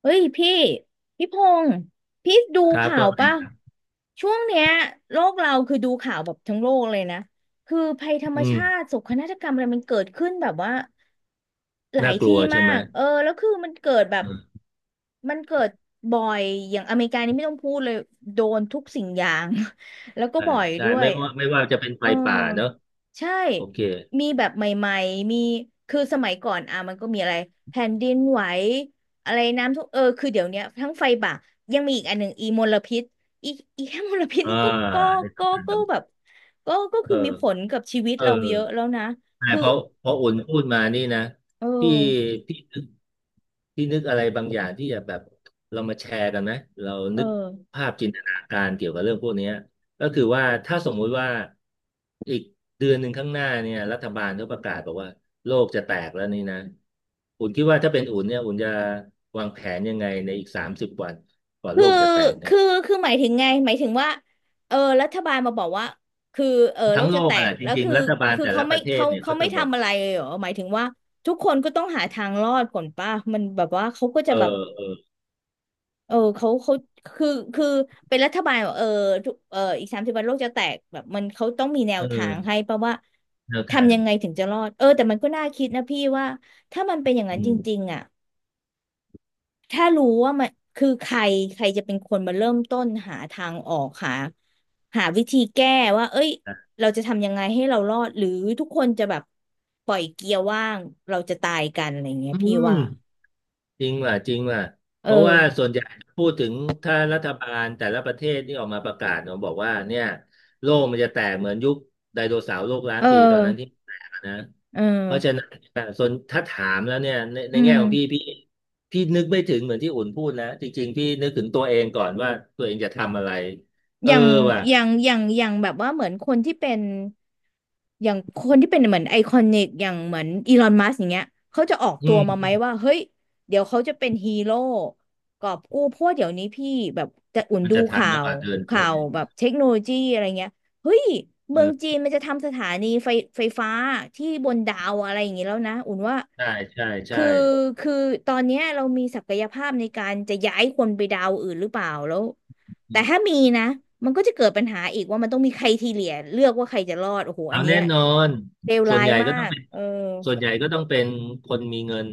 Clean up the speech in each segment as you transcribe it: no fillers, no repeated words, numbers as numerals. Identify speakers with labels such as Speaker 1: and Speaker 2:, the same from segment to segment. Speaker 1: เอ้ยพี่พงษ์พี่ดู
Speaker 2: ครับ
Speaker 1: ข่า
Speaker 2: ก็
Speaker 1: วป่ะ
Speaker 2: ไง
Speaker 1: ช่วงเนี้ยโลกเราคือดูข่าวแบบทั้งโลกเลยนะคือภัยธรรม
Speaker 2: อื
Speaker 1: ชา
Speaker 2: ม
Speaker 1: ติโศกนาฏกรรมอะไรมันเกิดขึ้นแบบว่าหลา
Speaker 2: น่า
Speaker 1: ย
Speaker 2: กลัว
Speaker 1: ที่
Speaker 2: ใช่
Speaker 1: มา
Speaker 2: ไหม
Speaker 1: กเออแล้วคือมันเกิดแบบ
Speaker 2: อืม
Speaker 1: มันเกิดบ่อยอย่างอเมริกานี่ไม่ต้องพูดเลยโดนทุกสิ่งอย่าง แล้วก็
Speaker 2: ใช่
Speaker 1: บ่อย
Speaker 2: ใช่
Speaker 1: ด้ว
Speaker 2: ไม่
Speaker 1: ย
Speaker 2: ว่าไม่ว่าจะเป็นไฟ
Speaker 1: เออ
Speaker 2: ป่าเนอะ
Speaker 1: ใช่
Speaker 2: โอเค
Speaker 1: มีแบบใหม่ๆมีคือสมัยก่อนอ่ะมันก็มีอะไรแผ่นดินไหวอะไรน้ำท่วมเออคือเดี๋ยวเนี้ยทั้งไฟป่ายังมีอีกอันหนึ่งอีมลพิษอีอีแค่มลพิษ
Speaker 2: อ่า
Speaker 1: นี่ก็
Speaker 2: ใน
Speaker 1: ก็
Speaker 2: สำคัญ
Speaker 1: ก็แบ
Speaker 2: ส
Speaker 1: บก็
Speaker 2: ำ
Speaker 1: คือมีผลกับชีวิต
Speaker 2: เออ
Speaker 1: เราเยอะแล้วนะ
Speaker 2: ใช่
Speaker 1: คือ
Speaker 2: เพราะอุ่นพูดมานี่นะ
Speaker 1: เออ
Speaker 2: ที่ที่นึกที่นึกอะไรบางอย่างที่จะแบบเรามาแชร์กันไหมเรา
Speaker 1: เออ
Speaker 2: นึกภาพจินตนาการเกี่ยวกับเรื่องพวกเนี้ยก็คือว่าถ้าสมมุติว่าอีกเดือนหนึ่งข้างหน้าเนี่ยรัฐบาลเขาประกาศบอกว่าโลกจะแตกแล้วนี่นะอุ่นคิดว่าถ้าเป็นอุ่นเนี่ยอุ่นจะวางแผนยังไงในอีกสามสิบวันก่อนโล
Speaker 1: คือ
Speaker 2: กจะแตกเนี่ย
Speaker 1: คือคือหมายถึงไงหมายถึงว่าเออรัฐบาลมาบอกว่าคือเออโล
Speaker 2: ทั้ง
Speaker 1: ก
Speaker 2: โล
Speaker 1: จะแต
Speaker 2: กอะไร
Speaker 1: ก
Speaker 2: จ
Speaker 1: แล้ว
Speaker 2: ริง
Speaker 1: คือ
Speaker 2: ๆรัฐบาล
Speaker 1: คือ
Speaker 2: แต่
Speaker 1: เขา
Speaker 2: ละป
Speaker 1: ไม่
Speaker 2: ระเทศ
Speaker 1: เขา
Speaker 2: เนี่ย
Speaker 1: เขา
Speaker 2: เขา
Speaker 1: ไม่
Speaker 2: จะบอก
Speaker 1: ทำอะไรเลยเหรอหมายถึงว่าทุกคนก็ต้องหาทางรอดก่อนป่ะมันแบบว่าเขาก็จะ
Speaker 2: เออ
Speaker 1: แบบ
Speaker 2: เออ
Speaker 1: เออเขาคือคือเป็นรัฐบาลเหรอเออทุกเอออีกสามสิบวันโลกจะแตกแบบมันเขาต้องมีแนว
Speaker 2: เอ
Speaker 1: ทางให้
Speaker 2: อ
Speaker 1: ป่ะว่า
Speaker 2: แนวทา
Speaker 1: ทำ
Speaker 2: ง
Speaker 1: ยังไงถึงจะรอดเออแต่มันก็น่าคิดนะพี่ว่าถ้ามันเป็นอย่างนั้น
Speaker 2: อื
Speaker 1: จ
Speaker 2: ม
Speaker 1: ริงๆอ่ะ ถ้ารู้ว่ามันคือใครใครจะเป็นคนมาเริ่มต้นหาทางออกหาวิธีแก้ว่าเอ้ยเราจะทำยังไงให้เรารอดหรือทุกคนจะแบบปล่อยเกียร์ว่างเราจะตายกันอะไรเงี้ย
Speaker 2: อื
Speaker 1: พี่ว่า
Speaker 2: มจริงว่ะจริงว่ะ
Speaker 1: เอ
Speaker 2: เพราะว่าส่
Speaker 1: อ
Speaker 2: วนใหญ่พูดถึงถ้ารัฐบาลแต่ละประเทศที่ออกมาประกาศเนาะบอกว่าเนี่ยโลกมันจะแตกเหมือนยุคไดโนเสาร์โลกล้าน
Speaker 1: เออ
Speaker 2: ปีตอนนั้นที่แตกอะนะ
Speaker 1: เออ
Speaker 2: เพราะฉะนั้นส่วนถ้าถามแล้วเนี่ยใน
Speaker 1: อื
Speaker 2: แง่
Speaker 1: ม
Speaker 2: ของพี่นึกไม่ถึงเหมือนที่อุ่นพูดนะจริงๆพี่นึกถึงตัวเองก่อนว่าตัวเองจะทำอะไรเอ
Speaker 1: อ
Speaker 2: อ
Speaker 1: ย่าง
Speaker 2: ว่ะ
Speaker 1: อย่างแบบว่าเหมือนคนที่เป็น อย่างคนที่เป็นเหมือนไอคอนิกอย่างเหมือนอีลอนมัสอย่างเงี้ยเขาจะออก
Speaker 2: อื
Speaker 1: ตัวมาไหม
Speaker 2: ม
Speaker 1: ว่าเฮ้ยเดี๋ยวเขาจะเป็นฮีโร่กอบกู้เพราะว่าเดี๋ยวนี้พี่แบบจะอุ่น
Speaker 2: มัน
Speaker 1: ดู
Speaker 2: จะทัน
Speaker 1: ข่า
Speaker 2: หรือเป
Speaker 1: ว
Speaker 2: ล่าเดินไป
Speaker 1: ข่าว
Speaker 2: เนี่ย
Speaker 1: แบบเทคโนโลยีอะไรเงี้ยเฮ้ยเมืองจี
Speaker 2: เออ
Speaker 1: นมันจะทำสถานีไฟไฟฟ้าที่บนดาวอะไรอย่างงี้แล้วนะอุ่นว่า
Speaker 2: ใช่ใช่ใช่
Speaker 1: คือคือตอนเนี้ยเรามีศักยภาพในการจะย้ายคนไปดาวอื่นหรือเปล่าแล้ว แต่ถ้ามีนะมันก็จะเกิดปัญหาอีกว่ามันต้องมีใครทีเหลียเลือกว่าใครจะรอดโอ้โหอั
Speaker 2: เอา
Speaker 1: นเนี้
Speaker 2: แน่
Speaker 1: ย
Speaker 2: นอน
Speaker 1: เลว
Speaker 2: ส่ว
Speaker 1: ร้า
Speaker 2: น
Speaker 1: ย
Speaker 2: ใหญ่
Speaker 1: มา
Speaker 2: ก็ต้อง
Speaker 1: ก
Speaker 2: เป็น
Speaker 1: เออ
Speaker 2: ส่วนใหญ่ก็ต้องเป็นคนมีเงิน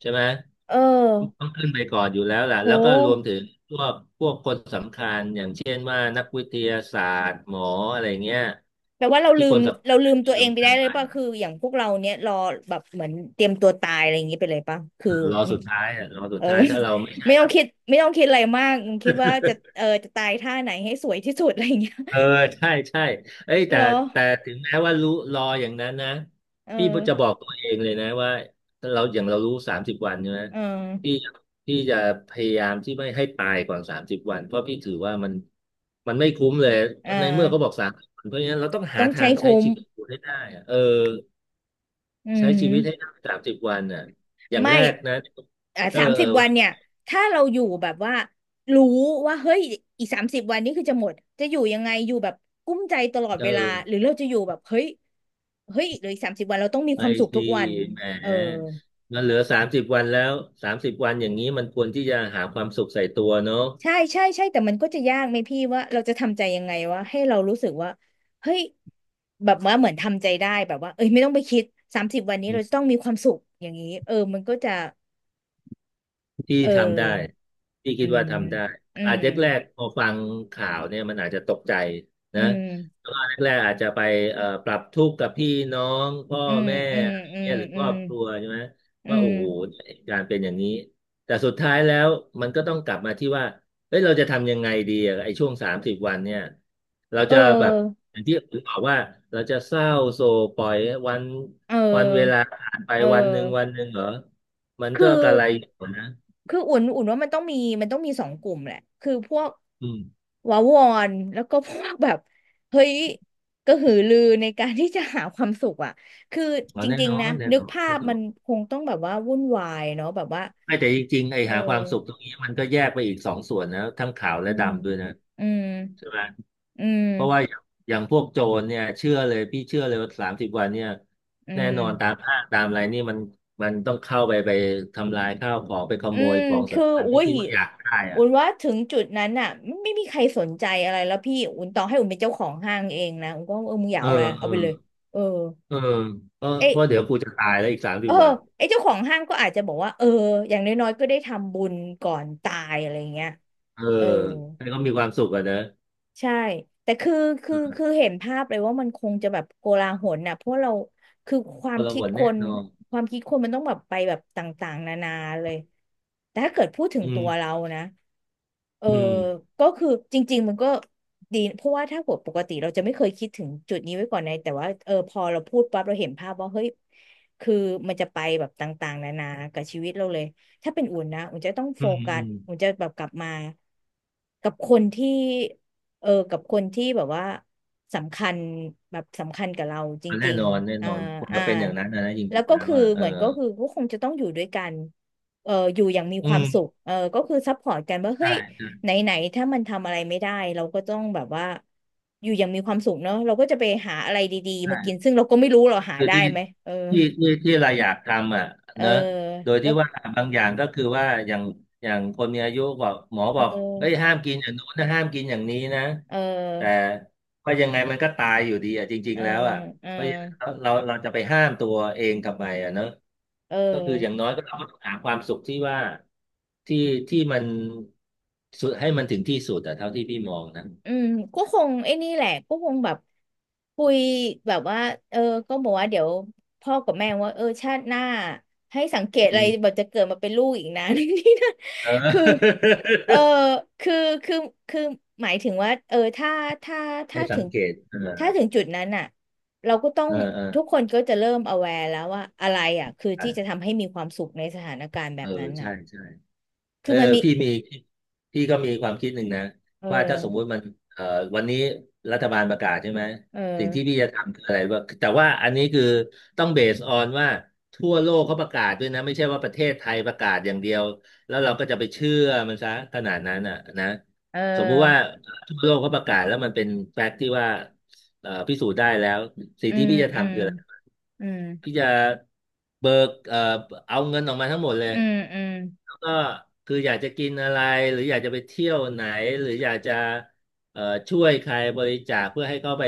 Speaker 2: ใช่ไหม
Speaker 1: เออ
Speaker 2: ต้องขึ้นไปก่อนอยู่แล้วแหละ
Speaker 1: โ
Speaker 2: แล้วก็รวม
Speaker 1: ห
Speaker 2: ถึงพวกคนสำคัญอย่างเช่นว่านักวิทยาศาสตร์หมออะไรเงี้ย
Speaker 1: แปลว่าเรา
Speaker 2: ที่
Speaker 1: ลื
Speaker 2: ค
Speaker 1: ม
Speaker 2: นสำคัญ
Speaker 1: ตั
Speaker 2: ที่
Speaker 1: วเองไป
Speaker 2: สำคั
Speaker 1: ได้
Speaker 2: ญ
Speaker 1: เล
Speaker 2: ไป
Speaker 1: ยป่ะคืออย่างพวกเราเนี้ยรอแบบเหมือนเตรียมตัวตายอะไรอย่างงี้ไปเลยป่ะ
Speaker 2: เอ
Speaker 1: คือ
Speaker 2: อรอ
Speaker 1: อืม
Speaker 2: สุดท้ายอ่ะรอสุ
Speaker 1: เอ
Speaker 2: ด
Speaker 1: อ
Speaker 2: ท้ายถ้าเราไม่ ใช่
Speaker 1: ไม่ต้
Speaker 2: แบ
Speaker 1: อง
Speaker 2: บ
Speaker 1: คิดอะไรมากคิดว่าจะเออจะตายท่าไหนให้สวยที่สุดอะไรอย่างเงี้ย
Speaker 2: เออใช่ใช่เอ้ย แต่
Speaker 1: เหรอ
Speaker 2: แต่ถึงแม้ว่ารู้รออย่างนั้นนะ
Speaker 1: เอ
Speaker 2: พี่
Speaker 1: อ
Speaker 2: จะบอกตัวเองเลยนะว่าเราอย่างเรารู้สามสิบวันใช่ไหม
Speaker 1: เออ
Speaker 2: พี่พี่จะพยายามที่ไม่ให้ตายก่อนสามสิบวันเพราะพี่ถือว่ามันไม่คุ้มเลย
Speaker 1: เอ
Speaker 2: ในเมื่อเขาบ
Speaker 1: อ
Speaker 2: อกสามสิบวันเพราะฉะนั้นเราต้องหา
Speaker 1: ต้อง
Speaker 2: ทา
Speaker 1: ใช้
Speaker 2: งใช้
Speaker 1: คุ้ม
Speaker 2: ชีวิตอยู่ให้ได้อะเออ
Speaker 1: อื
Speaker 2: ใช้
Speaker 1: ม
Speaker 2: ชีวิตให้ได้สามสิบวันอ่ะอย่าง
Speaker 1: ไม่
Speaker 2: แรกนะ
Speaker 1: อ่า
Speaker 2: เออ
Speaker 1: สาม
Speaker 2: เอ
Speaker 1: สิ
Speaker 2: อ
Speaker 1: บวันเนี่ย ถ้าเราอยู่แบบว่ารู้ว่าเฮ้ยอีกสามสิบวันนี้คือจะหมดจะอยู่ยังไงอยู่แบบกุ้มใจตลอด
Speaker 2: เอ
Speaker 1: เวลา
Speaker 2: อ
Speaker 1: หรือเราจะอยู่แบบเฮ้ยเหลืออีกสามสิบวันเราต้องมีค
Speaker 2: ไม่
Speaker 1: วามสุขทุ
Speaker 2: สิ
Speaker 1: กวัน
Speaker 2: แหม
Speaker 1: เออ
Speaker 2: มันเหลือสามสิบวันแล้วสามสิบวันอย่างนี้มันควรที่จะหาความสุขใส่ตัวเนอะ
Speaker 1: ใช่ใช่ใช่ แต่มันก็จะยากไหมพี่ว่าเราจะทำใจยังไงวะให้เรารู้สึกว่าเฮ้ย แบบว่าเหมือนทำใจได้แบบว่าเอ้ยไม่ต้องไปคิดสามสิบวันนี้เรา
Speaker 2: อื
Speaker 1: จะต้องมีความสุขอย่างนี้เออมันก็จะ
Speaker 2: พี่
Speaker 1: เอ
Speaker 2: ทำได้
Speaker 1: อ
Speaker 2: พี่
Speaker 1: อื
Speaker 2: คิดว่า
Speaker 1: ม
Speaker 2: ทำได้
Speaker 1: อื
Speaker 2: อาจ
Speaker 1: ม
Speaker 2: จะแรกๆพอฟังข่าวเนี่ยมันอาจจะตกใจ
Speaker 1: อื
Speaker 2: นะ
Speaker 1: ม
Speaker 2: แล้วก็แรกๆอาจจะไปปรับทุกข์กับพี่น้องพ่อ
Speaker 1: อืม
Speaker 2: แม่
Speaker 1: อืม
Speaker 2: อะไร
Speaker 1: อื
Speaker 2: เนี่
Speaker 1: ม
Speaker 2: ยหรือ
Speaker 1: อื
Speaker 2: ครอ
Speaker 1: ม
Speaker 2: บครัวใช่ไหม
Speaker 1: อื
Speaker 2: ว่าโอ้
Speaker 1: ม
Speaker 2: โหการเป็นอย่างนี้แต่สุดท้ายแล้วมันก็ต้องกลับมาที่ว่าเฮ้ยเราจะทำยังไงดีอะไอ้ช่วงสามสิบวันเนี่ยเรา
Speaker 1: เอ
Speaker 2: จะแบบ
Speaker 1: อ
Speaker 2: อย่างที่ผมบอกว่าเราจะเศร้าโศกปล่อยวัน
Speaker 1: เอ
Speaker 2: วันเวลา
Speaker 1: อ
Speaker 2: ผ่านไป
Speaker 1: เอ
Speaker 2: วันหนึ่งวั
Speaker 1: อ
Speaker 2: นหนึ่งเหรอมัน
Speaker 1: คือ
Speaker 2: ก็กระไรอยู่นะ
Speaker 1: คืออุ่นว่ามันต้องมีมันต้องมีสองกลุ่มแหละคือพวก
Speaker 2: อืม
Speaker 1: วาวอนแล้วก็พวกแบบเฮ้ยกระหือรือในการที่จะหาความสุขอ่ะคือ
Speaker 2: อ๋อ
Speaker 1: จ
Speaker 2: แน่
Speaker 1: ริง
Speaker 2: นอ
Speaker 1: ๆนะ
Speaker 2: นแน่
Speaker 1: นึ
Speaker 2: น
Speaker 1: ก
Speaker 2: อน
Speaker 1: ภา
Speaker 2: แน่
Speaker 1: พ
Speaker 2: นอ
Speaker 1: มัน
Speaker 2: น
Speaker 1: คงต้องแบบว่าวุ่นวายเนาะแบบว่า
Speaker 2: ไม่แต่จริงๆไอ้
Speaker 1: เอ
Speaker 2: หาความสุขตร
Speaker 1: อ
Speaker 2: งนี้มันก็แยกไปอีกสองส่วนนะทั้งขาว
Speaker 1: อื
Speaker 2: และ
Speaker 1: ม
Speaker 2: ดำด้วยนะ
Speaker 1: อืม
Speaker 2: ใช่ไหม
Speaker 1: อืม
Speaker 2: เพราะว่าอย่างพวกโจรเนี่ยเชื่อเลยพี่เชื่อเลยว่าสามสิบวันเนี่ย
Speaker 1: อื
Speaker 2: แน่
Speaker 1: ม
Speaker 2: นอนตามห้างตามอะไรนี่มันต้องเข้าไปทำลายข้าวของไปข
Speaker 1: อื
Speaker 2: โมย
Speaker 1: ม
Speaker 2: ของ
Speaker 1: คือ
Speaker 2: สำคัญ
Speaker 1: อุ้
Speaker 2: ที่
Speaker 1: ย
Speaker 2: คิดว่าอยากได้อ่ะ
Speaker 1: อุ่นว่าถึงจุดนั้นน่ะไม่มีใครสนใจอะไรแล้วพี่อุ่นต่อให้อุ่นเป็นเจ้าของห้างเองนะอุ่นก็เออมึงอยา
Speaker 2: เอ
Speaker 1: ก
Speaker 2: อ
Speaker 1: เอาอะไร
Speaker 2: เอ
Speaker 1: เอา
Speaker 2: อ
Speaker 1: ไปเลยเออ
Speaker 2: เออเออ
Speaker 1: เอ
Speaker 2: เพราะ
Speaker 1: ย
Speaker 2: เดี๋ยวกูจะตายแล้วอีกสามสิ
Speaker 1: เอ
Speaker 2: บ
Speaker 1: อ
Speaker 2: วัน
Speaker 1: ไอเจ้าของห้างก็อาจจะบอกว่าเอออย่างน้อยๆก็ได้ทำบุญก่อนตายอะไรเงี้ย
Speaker 2: เออ
Speaker 1: เออ
Speaker 2: ให้เขามีความสุขอ่ะนะ
Speaker 1: ใช่แต่คือคือเห็นภาพเลยว่ามันคงจะแบบโกลาหลน่ะเพราะเราคือควา
Speaker 2: ค
Speaker 1: ม
Speaker 2: นละ
Speaker 1: คิ
Speaker 2: ห
Speaker 1: ด
Speaker 2: น
Speaker 1: ค
Speaker 2: แน่
Speaker 1: น
Speaker 2: นอน
Speaker 1: ความคิดคนมันต้องแบบไปแบบต่างๆนานาเลยแต่ถ้าเกิดพูดถึง
Speaker 2: อื
Speaker 1: ตัว
Speaker 2: ม
Speaker 1: เรานะเออ
Speaker 2: อืม
Speaker 1: ก็คือจริงๆมันก็ดีเพราะว่าถ้าหัวปกติเราจะไม่เคยคิดถึงจุดนี้ไว้ก่อนในแต่ว่าเออพอเราพูดปั๊บเราเห็นภาพว่าเฮ้ยคือมันจะไปแบบต่างๆนานากับชีวิตเราเลยถ้าเป็นอุ่นนะอุ่นจะต้อง
Speaker 2: อื
Speaker 1: โฟ
Speaker 2: ม
Speaker 1: กั
Speaker 2: อื
Speaker 1: ส
Speaker 2: ม
Speaker 1: อุ่นจะแบบกลับมากับคนที่ กับคนที่แบบว่าสำคัญแบบสำคัญกับเราจ
Speaker 2: มันแน่
Speaker 1: ริง
Speaker 2: นอนแน่
Speaker 1: ๆอ่า
Speaker 2: นอนผม
Speaker 1: อ่า
Speaker 2: จะเป็นอย่างนั้นนะนะจ
Speaker 1: แล้
Speaker 2: ริ
Speaker 1: ว
Speaker 2: ง
Speaker 1: ก็
Speaker 2: ๆแล้ว
Speaker 1: คือ
Speaker 2: อ่ะเอ
Speaker 1: เห
Speaker 2: อ
Speaker 1: มือนก็คือก็คงจะต้องอยู่ด้วยกันอยู่อย่างมี
Speaker 2: อื
Speaker 1: ความสุ
Speaker 2: ม
Speaker 1: ขก็คือซัพพอร์ตกันว่าเฮ้
Speaker 2: ใช่
Speaker 1: ย
Speaker 2: ใช่
Speaker 1: ไหนไหนถ้ามันทำอะไรไม่ได้เราก็ต้องแบบว่าอยู่อย่างมีความสุขเนาะเราก็จะไปหาอะไรดีๆมากิน
Speaker 2: ใช่
Speaker 1: ซึ่งเราก็ไม่รู้เราหา
Speaker 2: คือ
Speaker 1: ได้
Speaker 2: ที่
Speaker 1: ไหมเออ
Speaker 2: ที่ที่ที่เราอยากทำอ่ะ
Speaker 1: เออ
Speaker 2: เนอะโดย
Speaker 1: แล้
Speaker 2: ที่
Speaker 1: ว
Speaker 2: ว่าบางอย่างก็คือว่าอย่างคนมีอายุบอกหมอ
Speaker 1: เ
Speaker 2: บอกเฮ้ย
Speaker 1: ออ
Speaker 2: ห้ามกินอย่างนู้นนะห้ามกินอย่างนี้นะ
Speaker 1: เอ
Speaker 2: แต่
Speaker 1: อ
Speaker 2: ก็ยังไงมันก็ตายอยู่ดีอ่ะจริง
Speaker 1: เ
Speaker 2: ๆแล้วอ่ะ
Speaker 1: ออ
Speaker 2: เพราะฉะนั้นเราจะไปห้ามตัวเองทำไมอ่ะเนอะ
Speaker 1: เอ
Speaker 2: ก็คืออย่าง
Speaker 1: อ
Speaker 2: น้อยก็เราก็ต้องหาความสุขที่ว่าที่ที่มันสุดให้มันถึงที่สุดอ่ะเท่าที่พี่มองนะ
Speaker 1: อืมก็คงไอ้นี่แหละก็คงแบบคุยแบบว่าเออก็บอกว่าเดี๋ยวพ่อกับแม่ว่าชาติหน้าให้สังเกต
Speaker 2: อื
Speaker 1: อะไรแบ
Speaker 2: ม
Speaker 1: บจะเกิดมาเป็นลูกอีกนะ นี่นะ
Speaker 2: เอ
Speaker 1: คือ
Speaker 2: อ
Speaker 1: เออคือคือคือหมายถึงว่าถ้า
Speaker 2: ให้
Speaker 1: ถ้า
Speaker 2: สั
Speaker 1: ถึ
Speaker 2: ง
Speaker 1: ง
Speaker 2: เกตเอ
Speaker 1: ถ้า
Speaker 2: อ
Speaker 1: ถึงจุดนั้นอ่ะเราก็ต้อง
Speaker 2: เออเออ
Speaker 1: ทุกคนก็จะเริ่ม aware แล้วว่าอะไรอ่ะคือที่จะ
Speaker 2: อ่ะ
Speaker 1: ทำให้มีความสุขในสถานการณ์แบ
Speaker 2: เออ
Speaker 1: บนั้นอ่ะ
Speaker 2: ใช่ใช่
Speaker 1: คื
Speaker 2: เอ
Speaker 1: อ
Speaker 2: อ
Speaker 1: มันมี
Speaker 2: พี่มีพี่ก็มีความคิดหนึ่งนะ
Speaker 1: เอ
Speaker 2: ว่าถ้าสมมุ
Speaker 1: อ
Speaker 2: ติมันเอ่อวันนี้รัฐบาลประกาศใช่ไหม
Speaker 1: เออ
Speaker 2: สิ่งที่พี่จะทำคืออะไรว่าแต่ว่าอันนี้คือต้องเบสออนว่าทั่วโลกเขาประกาศด้วยนะไม่ใช่ว่าประเทศไทยประกาศอย่างเดียวแล้วเราก็จะไปเชื่อมันซะขนาดนั้นอ่ะนะ
Speaker 1: เอ
Speaker 2: สมมุติว่า
Speaker 1: อ
Speaker 2: ทั่วโลกเขาประกาศแล้วมันเป็นแฟกต์ที่ว่า พิสูจน์ได้แล้วสิ่ง
Speaker 1: อื
Speaker 2: ที่
Speaker 1: ม
Speaker 2: พี่จะ
Speaker 1: อืม
Speaker 2: ทำคืออะไร
Speaker 1: อืม
Speaker 2: พี่จะเบิกเอาเงินออกมาทั้งหมดเลย
Speaker 1: อืมอืม
Speaker 2: แล้วก็คืออยากจะกินอะไรหรืออยากจะไปเที่ยวไหนหรืออยากจะเอ่อช่วยใครบริจาคเพื่อให้เขาไป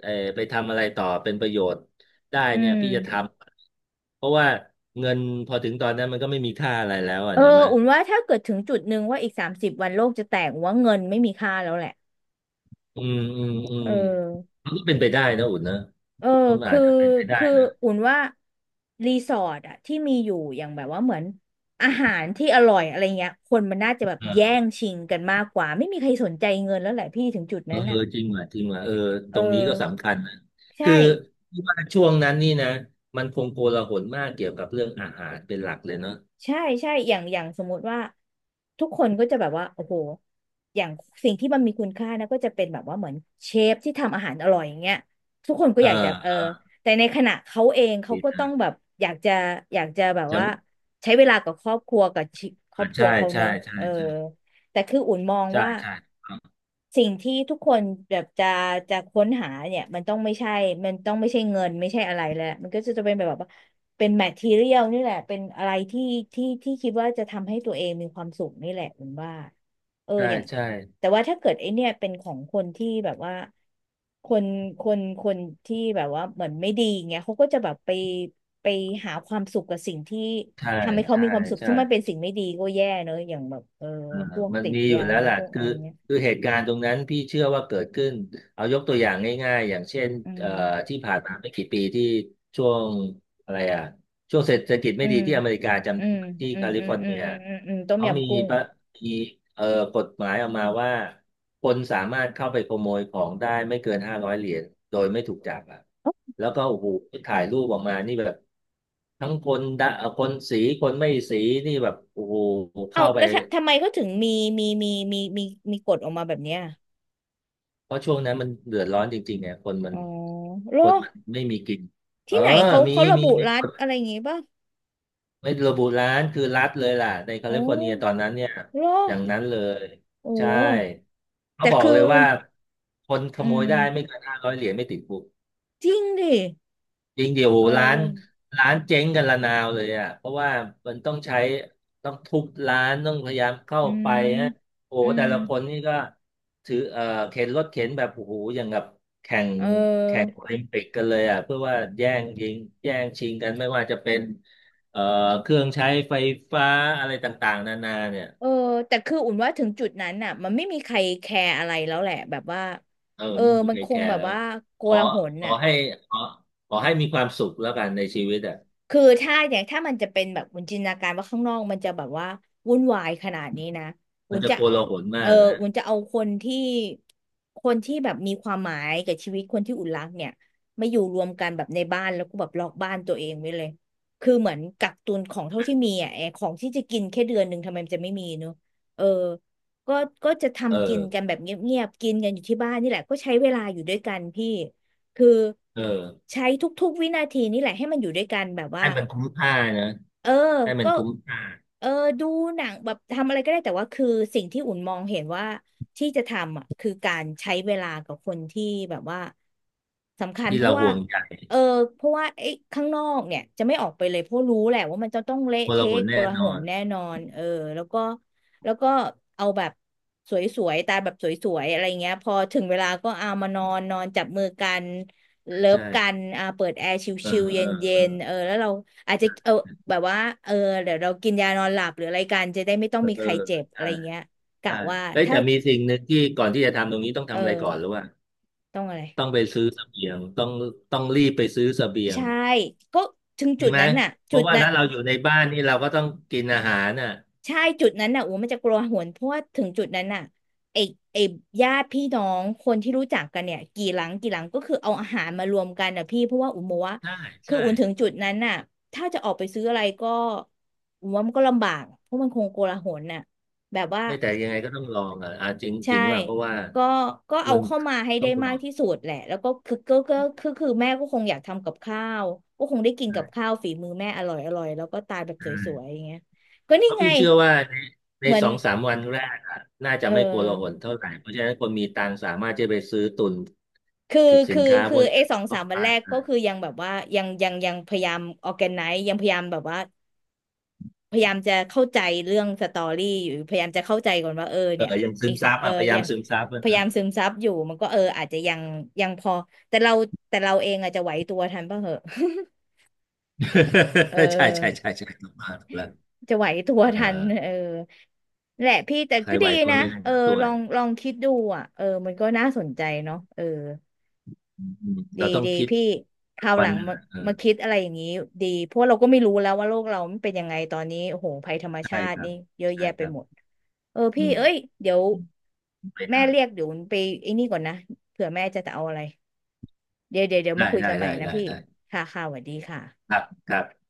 Speaker 2: ไปทำอะไรต่อเป็นประโยชน์ได้
Speaker 1: อื
Speaker 2: เนี่ย
Speaker 1: ม
Speaker 2: พี่จะทำเพราะว่าเงินพอถึงตอนนั้นมันก็ไม่มีค่าอะไรแล้วอ่ะ
Speaker 1: เออ
Speaker 2: เนี่ยมา
Speaker 1: อุ่นว่าถ้าเกิดถึงจุดหนึ่งว่าอีก30วันโลกจะแตกอุ่นว่าเงินไม่มีค่าแล้วแหละ
Speaker 2: อืมอืมอื
Speaker 1: เอ
Speaker 2: ม
Speaker 1: อ
Speaker 2: มันก็เป็นไปได้นะอุ่นนะ
Speaker 1: เออ
Speaker 2: มันอา
Speaker 1: คือ
Speaker 2: จจะเป็นไปได้
Speaker 1: คือ
Speaker 2: นะ
Speaker 1: อุ่นว่ารีสอร์ทอะที่มีอยู่อย่างแบบว่าเหมือนอาหารที่อร่อยอะไรเงี้ยคนมันน่าจะแบบแย่งชิงกันมากกว่าไม่มีใครสนใจเงินแล้วแหละพี่ถึงจุด
Speaker 2: เอ
Speaker 1: นั้
Speaker 2: อ
Speaker 1: นอะ
Speaker 2: จริงว่ะจริงว่ะเออ
Speaker 1: เอ
Speaker 2: ต
Speaker 1: อ
Speaker 2: รงนี้ก็สำคัญนะ
Speaker 1: ใช่
Speaker 2: คือที่ว่าช่วงนั้นนี่นะมันคงโกลาหลมากเกี่ยวกับเรื่องอาหารเป็นหลักเลยเนาะ
Speaker 1: ใช่ใช่อย่างสมมุติว่าทุกคนก็จะแบบว่าโอ้โหอย่างสิ่งที่มันมีคุณค่านะก็จะเป็นแบบว่าเหมือนเชฟที่ทำอาหารอร่อยอย่างเงี้ยทุกคนก็
Speaker 2: เ
Speaker 1: อยากจะ
Speaker 2: ออ
Speaker 1: แต่ในขณะเขาเองเขา
Speaker 2: ดี
Speaker 1: ก็
Speaker 2: นะ
Speaker 1: ต้องแบบอยากจะอยากจะแบบ
Speaker 2: จะ
Speaker 1: ว่าใช้เวลากับครอบครัวกับชีครอ
Speaker 2: อ่า
Speaker 1: บครั
Speaker 2: ใช่
Speaker 1: วเขา
Speaker 2: ใช่
Speaker 1: เนอะ
Speaker 2: ใช่
Speaker 1: เออ
Speaker 2: ใช่
Speaker 1: แต่คืออุ่นมอง
Speaker 2: ใช่
Speaker 1: ว่า
Speaker 2: ใช่
Speaker 1: สิ่งที่ทุกคนแบบจะค้นหาเนี่ยมันต้องไม่ใช่มันต้องไม่ใช่เงินไม่ใช่อะไรแล้วมันก็จะเป็นแบบว่าเป็นแมททีเรียลนี่แหละเป็นอะไรที่คิดว่าจะทำให้ตัวเองมีความสุขนี่แหละอุ่นว่า
Speaker 2: ใช่
Speaker 1: อย่าง
Speaker 2: ใช่
Speaker 1: แต่ว่าถ้าเกิดไอเนี่ยเป็นของคนที่แบบว่าคนคนที่แบบว่าเหมือนไม่ดีเงี้ยเขาก็จะแบบไปไปหาความสุขกับสิ่งที่
Speaker 2: ใช่
Speaker 1: ทำให้เขา
Speaker 2: ใช่
Speaker 1: มีความสุข
Speaker 2: ใช่
Speaker 1: ถ้ามันเป็นสิ่งไม่ดีก็แย่เนอะอย่างแบบ
Speaker 2: อ่า
Speaker 1: พวก
Speaker 2: มัน
Speaker 1: ติด
Speaker 2: มีอยู่
Speaker 1: ยา
Speaker 2: แล้วล่ะ
Speaker 1: พวกอะ
Speaker 2: คือ
Speaker 1: ไรเงี้ย
Speaker 2: คือเหตุการณ์ตรงนั้นพี่เชื่อว่าเกิดขึ้นเอายกตัวอย่างง่ายๆอย่างเช่น
Speaker 1: อื
Speaker 2: เอ่อ
Speaker 1: ม
Speaker 2: ที่ผ่านมาไม่กี่ปีที่ช่วงอะไรอ่ะช่วงเศรษฐกิจไม่
Speaker 1: อื
Speaker 2: ดี
Speaker 1: ม
Speaker 2: ที่อเมริกาจำ
Speaker 1: อื
Speaker 2: ได้
Speaker 1: ม
Speaker 2: ไหมที่
Speaker 1: อื
Speaker 2: แค
Speaker 1: ม
Speaker 2: ลิ
Speaker 1: อื
Speaker 2: ฟ
Speaker 1: ม
Speaker 2: อร์
Speaker 1: อื
Speaker 2: เนี
Speaker 1: ม
Speaker 2: ย
Speaker 1: อืมอืมอืมต้ม
Speaker 2: เขามี
Speaker 1: ยำกุ้ง
Speaker 2: ประมีเอ่อกฎหมายออกมาว่าคนสามารถเข้าไปขโมยของได้ไม่เกินห้าร้อยเหรียญโดยไม่ถูกจับอ่ะ
Speaker 1: เอ้า
Speaker 2: แล้วก็โอ้โหถ่ายรูปออกมานี่แบบทั้งคนดะคนสีคนไม่สีนี่แบบโอ้โห
Speaker 1: เอา
Speaker 2: เข้าไป
Speaker 1: แล้วทำไมเขาถึงมีมีมีมีมีกฎออกมาแบบเนี้ย
Speaker 2: เพราะช่วงนั้นมันเดือดร้อนจริงๆเนี่ย
Speaker 1: อ๋อเหร
Speaker 2: ค
Speaker 1: อ
Speaker 2: นมันไม่มีกินเอ
Speaker 1: ที่
Speaker 2: อ
Speaker 1: ไหนเขา
Speaker 2: มี
Speaker 1: เขาระบุ
Speaker 2: มี
Speaker 1: รั
Speaker 2: ก
Speaker 1: ฐ
Speaker 2: ฎ
Speaker 1: อะไรอย่างงี้ป่ะ
Speaker 2: ไม่ระบุร้านคือรัฐเลยล่ะในแค
Speaker 1: โอ้
Speaker 2: ลิฟอร์เนียตอนนั้นเนี่ย
Speaker 1: เหรอ
Speaker 2: อย่างนั้นเลย
Speaker 1: โอ
Speaker 2: ใช่
Speaker 1: ้
Speaker 2: เขา
Speaker 1: แต่
Speaker 2: บอก
Speaker 1: คื
Speaker 2: เล
Speaker 1: อ
Speaker 2: ยว่าคนข
Speaker 1: อื
Speaker 2: โมย
Speaker 1: ม
Speaker 2: ได้ไม่เกินห้าร้อยเหรียญไม่ติดคุก
Speaker 1: จริงดิ
Speaker 2: จริงเดี๋ยว
Speaker 1: เออ
Speaker 2: ร้านเจ๊งกันระนาวเลยอ่ะเพราะว่ามันต้องใช้ต้องทุบร้านต้องพยายามเข้า
Speaker 1: อื
Speaker 2: ไป
Speaker 1: ม
Speaker 2: ฮะโอ้โห
Speaker 1: อื
Speaker 2: แต่
Speaker 1: ม
Speaker 2: ละคนนี่ก็ถือเข็นรถเข็นแบบโอ้โหอย่างกับแข่ง
Speaker 1: เ
Speaker 2: แข่ง
Speaker 1: ออ
Speaker 2: โอลิมปิกกันเลยอ่ะเพื่อว่าแย่งยิงแย่งชิงกันไม่ว่าจะเป็นเอ่อเครื่องใช้ไฟฟ้าอะไรต่างๆนานาเนี่ย
Speaker 1: เออแต่คืออุ่นว่าถึงจุดนั้นน่ะมันไม่มีใครแคร์อะไรแล้วแหละแบบว่า
Speaker 2: เออ
Speaker 1: เออ
Speaker 2: ไม่มี
Speaker 1: มัน
Speaker 2: ใคร
Speaker 1: ค
Speaker 2: แค
Speaker 1: งแบ
Speaker 2: ร์
Speaker 1: บ
Speaker 2: แล้ว
Speaker 1: ว่าโก
Speaker 2: ขอ
Speaker 1: ลาหล
Speaker 2: ขอ
Speaker 1: น่ะ
Speaker 2: ให้ขอขอให้มีความสุขแล้วกันในชีวิตอ่ะ
Speaker 1: คือถ้าอย่างถ้ามันจะเป็นแบบวุ้นจินตนาการว่าข้างนอกมันจะแบบว่าวุ่นวายขนาดนี้นะ
Speaker 2: มั
Speaker 1: วุ้
Speaker 2: น
Speaker 1: น
Speaker 2: จะ
Speaker 1: จะ
Speaker 2: โกลาหล
Speaker 1: เอ
Speaker 2: มา
Speaker 1: อ
Speaker 2: กนะ
Speaker 1: วุ้นจะเอาคนที่แบบมีความหมายกับชีวิตคนที่อุ่นรักเนี่ยมาอยู่รวมกันแบบในบ้านแล้วก็แบบล็อกบ้านตัวเองไว้เลยคือเหมือนกักตุนของเท่าที่มีอ่ะไอ้ของที่จะกินแค่เดือนหนึ่งทำไมมันจะไม่มีเนอะเออก็จะ
Speaker 2: เออ
Speaker 1: ทำกินกันแบบเงียบๆกินกันอยู่ที่บ้านนี่แหละก็ใช้เวลาอยู่ด้วยกันพี่ คือ
Speaker 2: เออ
Speaker 1: ใช้ทุกๆวินาทีนี่แหละให้มันอยู่ด้วยกันแบบว่า
Speaker 2: ให้มันคุ้มค่านะ
Speaker 1: เออ
Speaker 2: ให้มัน
Speaker 1: ก็
Speaker 2: คุ้มค่า
Speaker 1: เออดูหนังแบบทำอะไรก็ได้แต่ว่าคือสิ่งที่อุ่นมองเห็นว่าที่จะทำอ่ะคือการใช้เวลากับคนที่แบบว่าสำคัญ
Speaker 2: ที่
Speaker 1: เพ
Speaker 2: เรา
Speaker 1: ราะว่า
Speaker 2: ห่วงใย
Speaker 1: เออเพราะว่าไอ้ข้างนอกเนี่ยจะไม่ออกไปเลยเพราะรู้แหละว่ามันจะต้องเละ
Speaker 2: มร
Speaker 1: เทะ
Speaker 2: หน
Speaker 1: โก
Speaker 2: แน่
Speaker 1: ลา
Speaker 2: น
Speaker 1: ห
Speaker 2: อ
Speaker 1: ล
Speaker 2: น
Speaker 1: แน่นอนเออแล้วก็แล้วก็เอาแบบสวยๆตายแบบสวยๆอะไรเงี้ยพอถึงเวลาก็เอามานอนนอนจับมือกันเลิฟ
Speaker 2: ใช่
Speaker 1: กันอ่าเปิดแอร์
Speaker 2: เออ
Speaker 1: ชิลๆเ
Speaker 2: เออ
Speaker 1: ย็
Speaker 2: เออ
Speaker 1: นๆเออแล้วเรา อาจจะเออแบบว่าเออเดี๋ยวเรากินยานอนหลับหรืออะไรกันจะได้ไม่ต้อง
Speaker 2: เออ
Speaker 1: มี
Speaker 2: เอ
Speaker 1: ใคร
Speaker 2: อ
Speaker 1: เจ็บอะไร
Speaker 2: ใช่
Speaker 1: เงี้ยกะ
Speaker 2: ใช่
Speaker 1: ว่า
Speaker 2: เอ้ย
Speaker 1: ถ้า
Speaker 2: แต่มีสิ่งหนึ่งที่ก่อนที่จะทำตรงนี้ต้องทำอะไรก่อน
Speaker 1: เออ
Speaker 2: หรือว่า
Speaker 1: ต้องอะไร
Speaker 2: ต้องไปซื้อเสบียงต้องรีบไปซื้อเสบียง
Speaker 1: ใช่ก็ถึง
Speaker 2: จ
Speaker 1: จุ
Speaker 2: ริง
Speaker 1: ด
Speaker 2: ไหม
Speaker 1: นั้นน่ะ
Speaker 2: เพ
Speaker 1: จุ
Speaker 2: ราะ
Speaker 1: ด
Speaker 2: ว่า
Speaker 1: นั้น
Speaker 2: ถ้าเราอยู่ในบ้านนี่เราก็ต้องกินอาหารน่ะ
Speaker 1: ใช่จุดนั้นน่ะโอ้มันจะกลัวหวนเพราะว่าถึงจุดนั้นน่ะไอ้ไอ้ญาติพี่น้องคนที่รู้จักกันเนี่ยกี่หลังกี่หลังก็คือเอาอาหารมารวมกันน่ะพี่เพราะว่าอุ๋มบอกว่า
Speaker 2: ใช่
Speaker 1: คือ
Speaker 2: ใช่
Speaker 1: อุ่นถึงจุดนั้นน่ะถ้าจะออกไปซื้ออะไรก็อุ๋มว่ามันก็ลำบากเพราะมันคงโกลาหลน่ะแบบว่า
Speaker 2: ไม่แต่ยังไงก็ต้องลองอ่ะอ่ะจริงจ
Speaker 1: ใช่
Speaker 2: ริงว่าเพราะว่า
Speaker 1: ก็เอา
Speaker 2: มัน
Speaker 1: เข้ามาให้
Speaker 2: ต้อ
Speaker 1: ได้
Speaker 2: งล
Speaker 1: มา
Speaker 2: อ
Speaker 1: ก
Speaker 2: ง
Speaker 1: ที่สุดแหละ แล้วก็คือแม่ก็คงอยากทำกับข้าว ก็คงได้กินกับ
Speaker 2: ใช่
Speaker 1: ข้าวฝีมือแม่อร่อยอร่อยแล้วก็ตายแบบ
Speaker 2: ใ
Speaker 1: สวย
Speaker 2: ช่
Speaker 1: ๆอย่างเงี้ยก็นี่
Speaker 2: เพราะ
Speaker 1: ไง
Speaker 2: พี่เชื่อว่าใน
Speaker 1: เหมือน
Speaker 2: สองสามวันแรกอะน่า
Speaker 1: เอ
Speaker 2: จะ
Speaker 1: อ
Speaker 2: ไม่โกลาหลเท่าไหร่เพราะฉะนั้นคนมีตังค์สามารถจะไปซื้อตุน
Speaker 1: คือ
Speaker 2: ผิดสิ
Speaker 1: คื
Speaker 2: น
Speaker 1: อ
Speaker 2: ค้าพ
Speaker 1: คือ
Speaker 2: วกนี้
Speaker 1: ไอ้สอง
Speaker 2: ต่
Speaker 1: สา
Speaker 2: อ
Speaker 1: มวัน
Speaker 2: ได้
Speaker 1: แรกก็
Speaker 2: น
Speaker 1: คือยังแบบว่า ยังพยายามออแกไนซ์ยังพยายามแบบว่า พยายามจะเข้าใจเรื่องสตอรี่อยู่พยายามจะเข้าใจก่อนว่าเออ
Speaker 2: เออ
Speaker 1: เนี่ย
Speaker 2: ยังซึ
Speaker 1: อี
Speaker 2: ม
Speaker 1: กสัก
Speaker 2: ซับ
Speaker 1: เออ
Speaker 2: อะพยายา
Speaker 1: ยั
Speaker 2: ม
Speaker 1: ง
Speaker 2: ซึมซับ
Speaker 1: พ
Speaker 2: อะ
Speaker 1: ยา
Speaker 2: นะ
Speaker 1: ยามซึมซับอยู่มันก็เอออาจจะยังพอแต่เราเองอาจจะไหวตัวทันป่ะเหอะ เอ
Speaker 2: ใช่ใช่
Speaker 1: อ
Speaker 2: ใช่ใช่ถูกมากถูกแล้ว
Speaker 1: จะไหวตัว
Speaker 2: เออ
Speaker 1: ทันเออนั่นแหละพี่แต่
Speaker 2: ใคร
Speaker 1: ก็
Speaker 2: ไหว
Speaker 1: ดี
Speaker 2: ตัว
Speaker 1: นะ
Speaker 2: ไม่ทัน
Speaker 1: เออ
Speaker 2: ก็ซว
Speaker 1: ลอ
Speaker 2: ย
Speaker 1: งลองคิดดูอ่ะเออมันก็น่าสนใจเนาะเออ
Speaker 2: อืม
Speaker 1: ดี
Speaker 2: เราต้อง
Speaker 1: ดี
Speaker 2: คิด
Speaker 1: พี่ค
Speaker 2: ทุก
Speaker 1: ราวห
Speaker 2: วั
Speaker 1: ลั
Speaker 2: น
Speaker 1: ง
Speaker 2: นึง
Speaker 1: มา
Speaker 2: อะเออ
Speaker 1: มาคิดอะไรอย่างนี้ดีเพราะเราก็ไม่รู้แล้วว่าโลกเรามันเป็นยังไงตอนนี้โอ้โหภัยธรรม
Speaker 2: ใช่
Speaker 1: ชา
Speaker 2: ค
Speaker 1: ติ
Speaker 2: รั
Speaker 1: นี่
Speaker 2: บ
Speaker 1: เยอะ
Speaker 2: ใช่
Speaker 1: แยะ
Speaker 2: ค
Speaker 1: ไป
Speaker 2: รับ
Speaker 1: หมดเออ
Speaker 2: อื
Speaker 1: พี่
Speaker 2: ม
Speaker 1: เอ้ยเดี๋ยว
Speaker 2: อืมไม่
Speaker 1: แม่
Speaker 2: ได้
Speaker 1: เรียกเดี๋ยวไปไอ้นี่ก่อนนะเผื่อแม่จะเอาอะไรเดี๋ยวเดี๋ยวเดี๋ยว
Speaker 2: ได้
Speaker 1: มาคุย
Speaker 2: ได้
Speaker 1: กันใหม่
Speaker 2: ได้
Speaker 1: นะ
Speaker 2: ได้
Speaker 1: พี่
Speaker 2: ได้
Speaker 1: ค่ะค่ะสวัสดีค่ะ
Speaker 2: ครับครับ